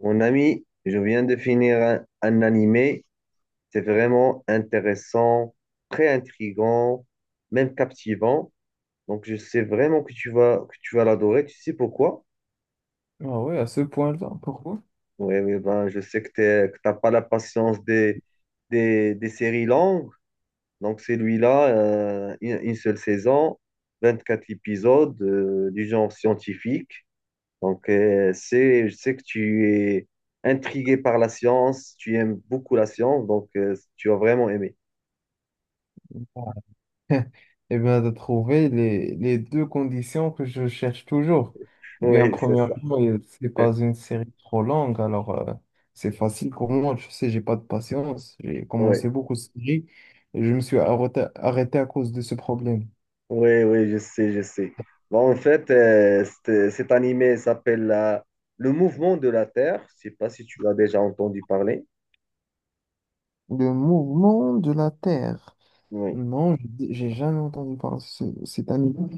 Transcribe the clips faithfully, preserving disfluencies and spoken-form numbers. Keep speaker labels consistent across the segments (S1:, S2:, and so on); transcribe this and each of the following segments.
S1: Mon ami, je viens de finir un, un animé. C'est vraiment intéressant, très intrigant, même captivant. Donc, je sais vraiment que tu vas, que tu vas l'adorer. Tu sais pourquoi?
S2: Ah ouais, à ce point-là, pourquoi?
S1: Oui, oui, ben, je sais que tu n'as pas la patience des, des, des séries longues. Donc, celui-là, euh, une, une seule saison, vingt-quatre épisodes, euh, du genre scientifique. Donc, euh, c'est, je sais que tu es intrigué par la science, tu aimes beaucoup la science, donc euh, tu as vraiment aimé.
S2: Eh bien, de trouver les, les deux conditions que je cherche toujours. Eh bien,
S1: Oui, c'est ça.
S2: premièrement, euh, c'est pas une série trop longue, alors euh, c'est facile pour moi. Je sais, j'ai pas de patience. J'ai
S1: Oui,
S2: commencé beaucoup de séries et je me suis arrêté, arrêté à cause de ce problème.
S1: oui, oui, je sais, je sais. Bon, en fait, euh, c'est- cet animé s'appelle la- Le Mouvement de la Terre. Je sais pas si tu l'as déjà entendu parler.
S2: Le mouvement de la Terre.
S1: Oui,
S2: Non, j'ai j'ai jamais entendu parler de ce, cet animal.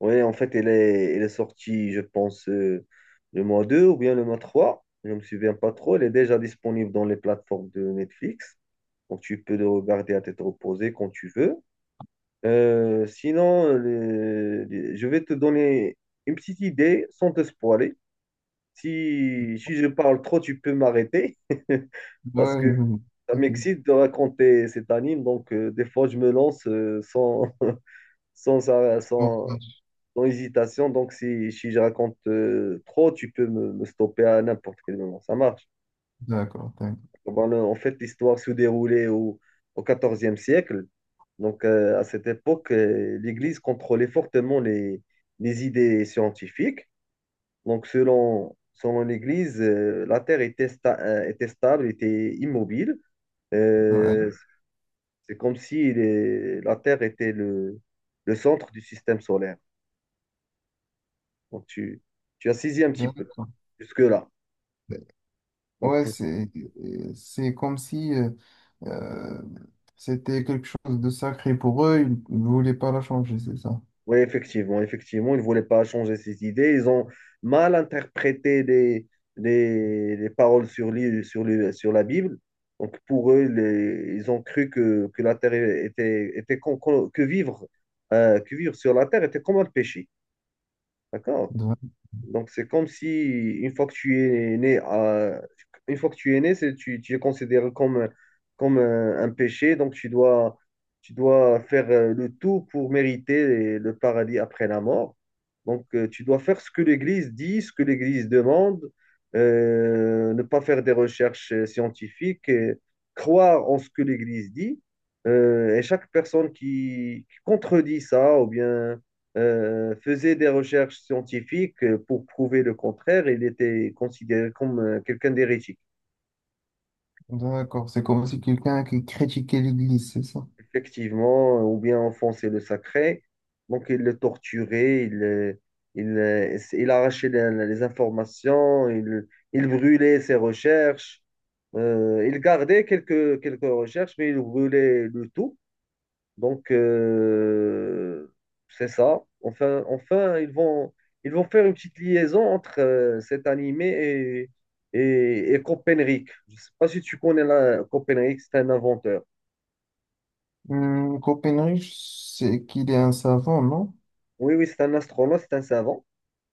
S1: oui, en fait, elle est, elle est sortie, je pense, euh, le mois deux ou bien le mois trois. Je ne me souviens pas trop. Elle est déjà disponible dans les plateformes de Netflix. Donc, tu peux le regarder à tête reposée quand tu veux. Euh, sinon, le- le- je vais te donner une petite idée sans te spoiler. Si, si je parle trop, tu peux m'arrêter. Parce
S2: Ouais,
S1: que
S2: non,
S1: ça
S2: ok.
S1: m'excite de raconter cet anime. Donc, euh, des fois, je me lance euh, sans, sans, ça-
S2: Bon,
S1: sans, sans hésitation. Donc, si, si je raconte euh, trop, tu peux me, me stopper à n'importe quel moment. Ça marche.
S2: d'accord, d'accord.
S1: Ben, le- en fait, l'histoire se déroulait au, au quatorzième siècle. Donc, euh, à cette époque, euh, l'Église contrôlait fortement les, les idées scientifiques. Donc, selon, selon l'Église, euh, la Terre était, sta- euh, était stable, était immobile.
S2: Ouais,
S1: Euh, c'est comme si les- la Terre était le, le centre du système solaire. Donc, tu, tu as saisi un petit peu
S2: d'accord.
S1: jusque-là. Donc,
S2: Ouais, c'est euh, c'est comme si euh, euh, c'était quelque chose de sacré pour eux, ils ne voulaient pas la changer, c'est ça.
S1: oui, effectivement, effectivement, ils ne voulaient pas changer ses idées. Ils ont mal interprété les, les, les paroles sur, l'île- sur, le- sur la Bible. Donc, pour eux, les- ils ont cru que, que la terre était, était con- con- que vivre, euh, que vivre sur la terre était comme un péché. D'accord?
S2: D'a-
S1: Donc, c'est comme si, une fois que tu es né, à- une fois que tu es né, c'est, tu, tu es considéré comme, comme un, un péché. Donc, tu dois, tu dois faire euh, le tout pour mériter le paradis après la mort. Donc, euh, tu dois faire ce que l'Église dit, ce que l'Église demande, euh, ne pas faire des recherches euh, scientifiques, et croire en ce que l'Église dit. Euh, et chaque personne qui, qui contredit ça, ou bien euh, faisait des recherches scientifiques euh, pour prouver le contraire, il était considéré comme euh, quelqu'un d'hérétique.
S2: D'accord, c'est comme si quelqu'un qui critiquait l'Église, c'est ça.
S1: Effectivement, euh, ou bien enfoncer le sacré. Donc, il le torturait, il, euh, il, euh, il arrachait les, les informations, il, il brûlait ses recherches. Euh, il gardait quelques, quelques recherches, mais il brûlait le tout. Donc, euh, c'est ça. Enfin, enfin ils vont, ils vont faire une petite liaison entre euh, cet animé et, et, et Copernic. Je ne sais pas si tu connais la, Copernic, c'est un inventeur.
S2: Hum, Copernic, c'est qu'il est un savant, non?
S1: Oui, oui, c'est un astronaute, c'est un savant.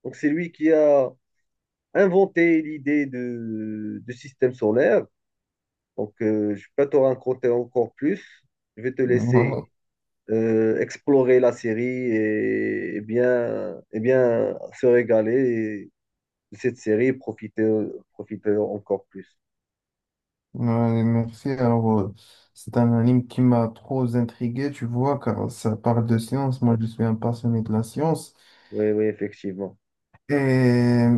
S1: Donc, c'est lui qui a inventé l'idée de, de système solaire. Donc, euh, je peux te raconter encore plus. Je vais te laisser
S2: Ouais.
S1: euh, explorer la série et, et bien, et bien se régaler de cette série et profiter, profiter encore plus.
S2: Ouais, merci. Alors, euh, c'est un anime qui m'a trop intrigué, tu vois, car ça parle de science. Moi, je suis un passionné de la science.
S1: Oui, oui, effectivement.
S2: Et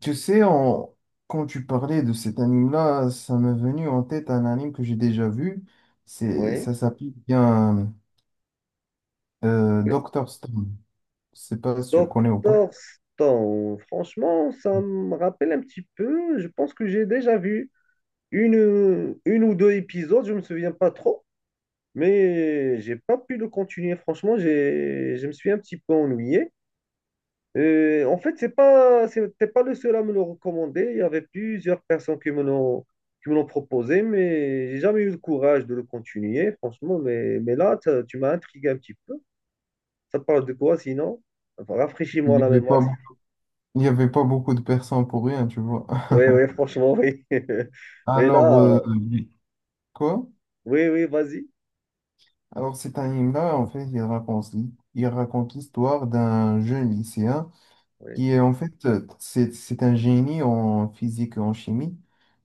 S2: tu sais, en- quand tu parlais de cet anime-là, ça m'est venu en tête un anime que j'ai déjà vu. C'est,
S1: Oui.
S2: ça s'appelle bien euh,
S1: Oui.
S2: Doctor Stone. Je sais pas si tu le connais ou pas.
S1: Doctor Stone, franchement, ça me rappelle un petit peu. Je pense que j'ai déjà vu une, euh, une ou deux épisodes, je me souviens pas trop, mais j'ai pas pu le continuer. Franchement, j'ai, je me suis un petit peu ennuyé. Euh, en fait, c'est pas, c'était pas le seul à me le recommander. Il y avait plusieurs personnes qui me l'ont, qui me l'ont proposé, mais j'ai jamais eu le courage de le continuer, franchement. Mais, mais là, ça- tu m'as intrigué un petit peu. Ça parle de quoi sinon? Enfin,
S2: Il
S1: rafraîchis-moi
S2: n'y
S1: la
S2: avait pas
S1: mémoire. Si...
S2: Il n'y avait pas beaucoup de personnes pour rien, tu vois.
S1: Oui, oui, franchement, oui. Mais
S2: Alors,
S1: là,
S2: euh,
S1: euh,
S2: quoi?
S1: oui, oui, vas-y.
S2: Alors, cet anime-là, en fait, il raconte, il raconte l'histoire d'un jeune lycéen
S1: Oui,
S2: qui est, en fait, euh, c'est, c'est un génie en physique et en chimie.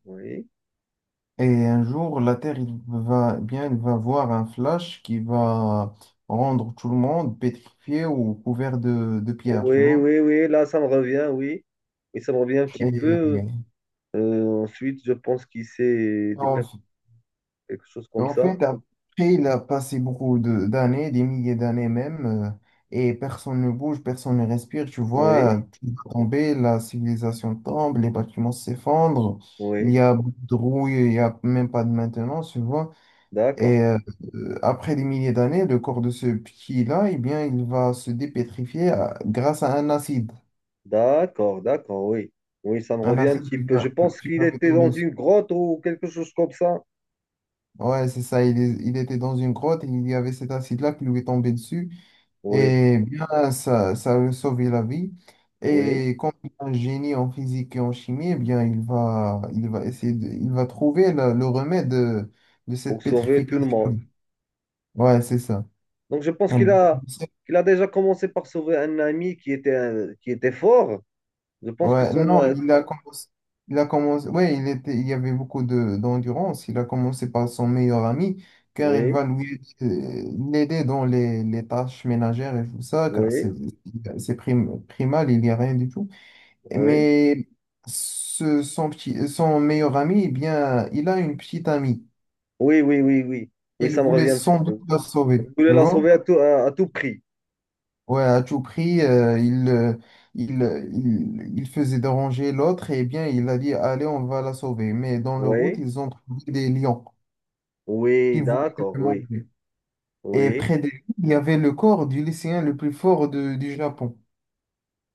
S1: oui.
S2: Et un jour, la Terre, il va, bien, il va voir un flash qui va rendre tout le monde pétrifié ou couvert de, de pierre, tu
S1: Oui,
S2: vois.
S1: oui, oui, là, ça me revient, oui. Et ça me revient un petit
S2: Et,
S1: peu. Euh, ensuite, je pense qu'il c'est des pers-
S2: en
S1: quelque chose comme
S2: en
S1: ça.
S2: fait, après, il a passé beaucoup de- d'années, des milliers d'années même, euh, et personne ne bouge, personne ne respire, tu
S1: Oui,
S2: vois, tout va tomber, la civilisation tombe, les bâtiments s'effondrent, il
S1: oui.
S2: y a beaucoup de rouille, il n'y a même pas de maintenance, tu vois.
S1: D'accord,
S2: Et euh, euh, après des milliers d'années, le corps de ce petit-là, eh bien, il va se dépétrifier à- grâce à un acide,
S1: d'accord, d'accord, oui. Oui, ça me
S2: un
S1: revient un
S2: acide
S1: petit
S2: qui
S1: peu.
S2: va,
S1: Je
S2: qui,
S1: pense
S2: qui
S1: qu'il
S2: va lui
S1: était
S2: tomber
S1: dans
S2: dessus.
S1: une grotte ou quelque chose comme ça.
S2: Ouais, c'est ça, il, est- il était dans une grotte et il y avait cet acide-là qui lui est tombé dessus.
S1: Oui,
S2: Et bien, ça, ça lui a sauvé la vie.
S1: oui,
S2: Et comme il est un génie en physique et en chimie, eh bien, il va, il va essayer de, il va trouver la- le remède de, de
S1: pour
S2: cette
S1: sauver tout le
S2: pétrification.
S1: monde.
S2: Ouais, c'est ça.
S1: Donc, je pense qu'il
S2: Elle-
S1: a, qu'il a déjà commencé par sauver un ami qui était, un- qui était fort. Je pense que
S2: Ouais,
S1: son...
S2: non,
S1: euh,
S2: il a commencé, il a commencé, ouais, il était, il y avait beaucoup de, d'endurance. Il a commencé par son meilleur ami, car il
S1: Oui,
S2: va lui, euh, l'aider dans les, les tâches ménagères et tout ça, car
S1: oui,
S2: c'est, c'est prim- primal, il n'y a rien du tout.
S1: oui.
S2: Mais ce- son petit, son meilleur ami, eh bien, il a une petite amie.
S1: Oui, oui, oui, oui. Oui,
S2: Elle
S1: ça me
S2: voulait
S1: revient un petit
S2: sans doute
S1: peu.
S2: la sauver,
S1: Il
S2: tu
S1: voulait la
S2: vois?
S1: sauver à tout, à, à tout prix.
S2: Ouais, à tout prix, euh, il, euh, il, euh, il, il faisait déranger l'autre et eh bien, il a dit, allez, on va la sauver. Mais dans la route,
S1: Oui,
S2: ils ont trouvé des lions qui
S1: oui,
S2: voulaient le
S1: d'accord, oui,
S2: manger. Et
S1: oui.
S2: près d'elle, il y avait le corps du lycéen le plus fort de- du Japon.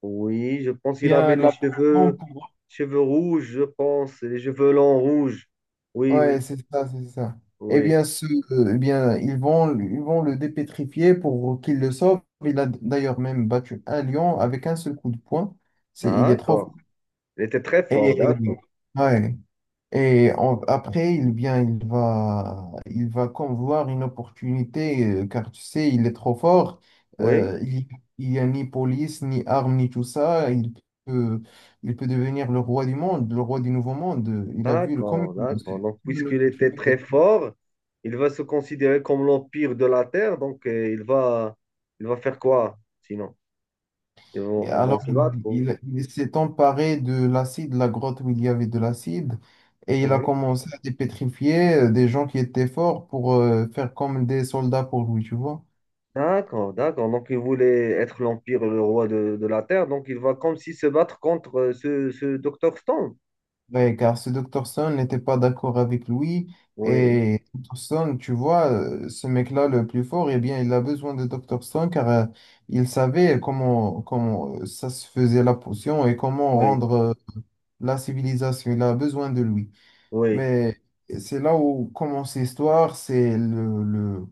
S1: Oui, je
S2: Eh
S1: pense qu'il avait
S2: Bien,
S1: les
S2: la
S1: cheveux, cheveux rouges, je pense, les cheveux longs rouges. Oui, oui,
S2: Ouais, c'est ça, c'est ça. Eh
S1: oui.
S2: bien, ce, euh, eh bien, ils vont, ils vont le dépétrifier pour qu'il le sauve. Il a d'ailleurs même battu un lion avec un seul coup de poing. C'est, il est trop.
S1: D'accord. Il était très fort,
S2: Et,
S1: d'accord.
S2: ouais. Et en- après, il vient, il va, il va comme voir une opportunité, euh, car tu sais, il est trop fort.
S1: Oui,
S2: Euh, il il n'y a ni police, ni armes, ni tout ça. Il peut, il peut devenir le roi du monde, le roi du nouveau monde. Il a vu le, comme
S1: d'accord,
S2: une comme
S1: d'accord. Donc,
S2: une
S1: puisqu'il était
S2: opportunité.
S1: très fort, il va se considérer comme l'empire de la Terre. Donc, euh, il va, il va faire quoi sinon? Ils
S2: Et
S1: vont, ils vont
S2: alors,
S1: se battre.
S2: il,
S1: ou-
S2: il- il s'est emparé de l'acide, la grotte où il y avait de l'acide, et il a
S1: Oui.
S2: commencé à dépétrifier euh, des gens qui étaient forts pour euh, faire comme des soldats pour lui, tu vois.
S1: D'accord, d'accord. Donc, il voulait être l'empire, le roi de, de la Terre. Donc, il va comme s'il se battre contre euh, ce, ce docteur Stone.
S2: Ouais, car ce Docteur Stone n'était pas d'accord avec lui,
S1: Oui.
S2: et Docteur Stone, tu vois, euh, ce mec-là le plus fort, eh bien, il a besoin de Docteur Stone car euh, il savait comment, comment euh, ça se faisait la potion et comment
S1: Oui,
S2: rendre euh, la civilisation. Il a besoin de lui.
S1: oui,
S2: Mais c'est là où commence l'histoire, c'est le, le-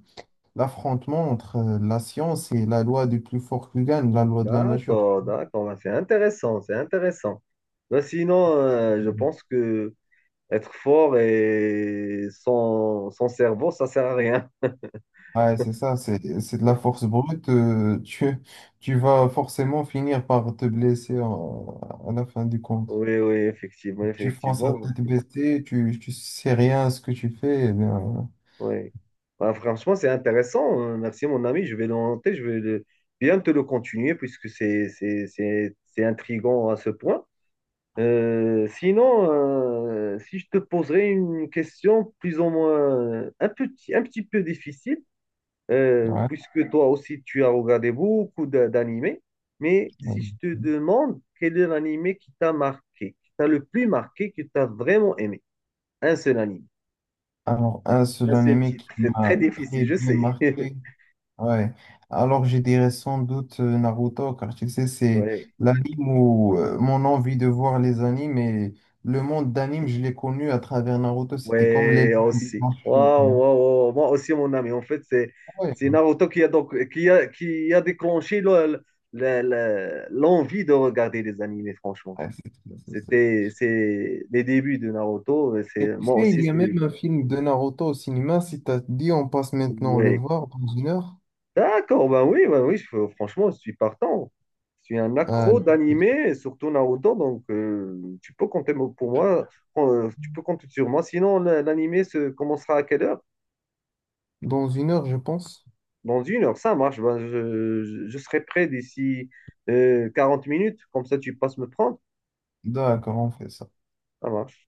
S2: l'affrontement entre euh, la science et la loi du plus fort qui gagne, la loi de la nature.
S1: d'accord, d'accord. Ben, c'est intéressant, c'est intéressant. Ben, sinon, euh, je
S2: Mhm.
S1: pense que être fort et sans, sans cerveau, ça sert à rien.
S2: Ouais, c'est ça, c'est, c'est de la
S1: Oui,
S2: force brute. Euh, tu, tu vas forcément finir par te blesser en- à la fin du compte.
S1: oui, oui, effectivement,
S2: Tu penses à
S1: effectivement.
S2: tête baissée, tu, tu sais rien à ce que tu fais. Eh bien,
S1: Oui. Ben, franchement, c'est intéressant. Euh, Merci, mon ami. Je vais le noter, je vais le- bien te le continuer puisque c'est, c'est, c'est, c'est intriguant à ce point. Euh, sinon, euh, si je te poserais une question plus ou moins euh, un petit, un petit peu difficile, euh,
S2: ouais.
S1: puisque toi aussi tu as regardé beaucoup d'a- d'animés. Mais si je
S2: Mhm.
S1: te demande quel est l'animé qui t'a marqué, qui t'a le plus marqué, que t'as vraiment aimé, un seul anime,
S2: Alors, un
S1: un
S2: seul
S1: seul
S2: animé qui
S1: titre, c'est très
S2: m'a
S1: difficile,
S2: très
S1: je
S2: bien
S1: sais.
S2: marqué. Ouais. Alors je dirais sans doute euh, Naruto, car tu sais, c'est.
S1: Ouais,
S2: Mhm. L'anime où euh, mon envie de voir les animes et le monde d'anime, je l'ai connu à travers Naruto. C'était comme les...
S1: ouais, aussi. Waouh, waouh, waouh. Moi aussi, mon ami. En fait, c'est
S2: Ouais,
S1: c'est Naruto qui a donc qui a qui a déclenché le- le- le- l'envie de regarder les animés. Franchement,
S2: ouais, c'est ça, c'est ça.
S1: c'était c'est les débuts de Naruto.
S2: Et
S1: C'est
S2: tu
S1: moi
S2: sais, il
S1: aussi,
S2: y a
S1: c'est
S2: même un film de Naruto au cinéma. Si t'as dit, on passe maintenant le
S1: ouais.
S2: voir dans une heure.
S1: D'accord, ben oui, ben oui, je- franchement, je suis partant. Je suis un
S2: Euh,
S1: accro d'animé, et surtout Naruto, donc euh, tu peux compter mo- pour moi, euh, tu peux compter sur moi. Sinon, la- l'animé se commencera à quelle heure?
S2: dans une heure, je pense.
S1: Dans une heure, ça marche. Ben, je, je- je serai prêt d'ici euh, quarante minutes, comme ça tu passes me prendre.
S2: D'accord, on fait ça.
S1: Ça marche.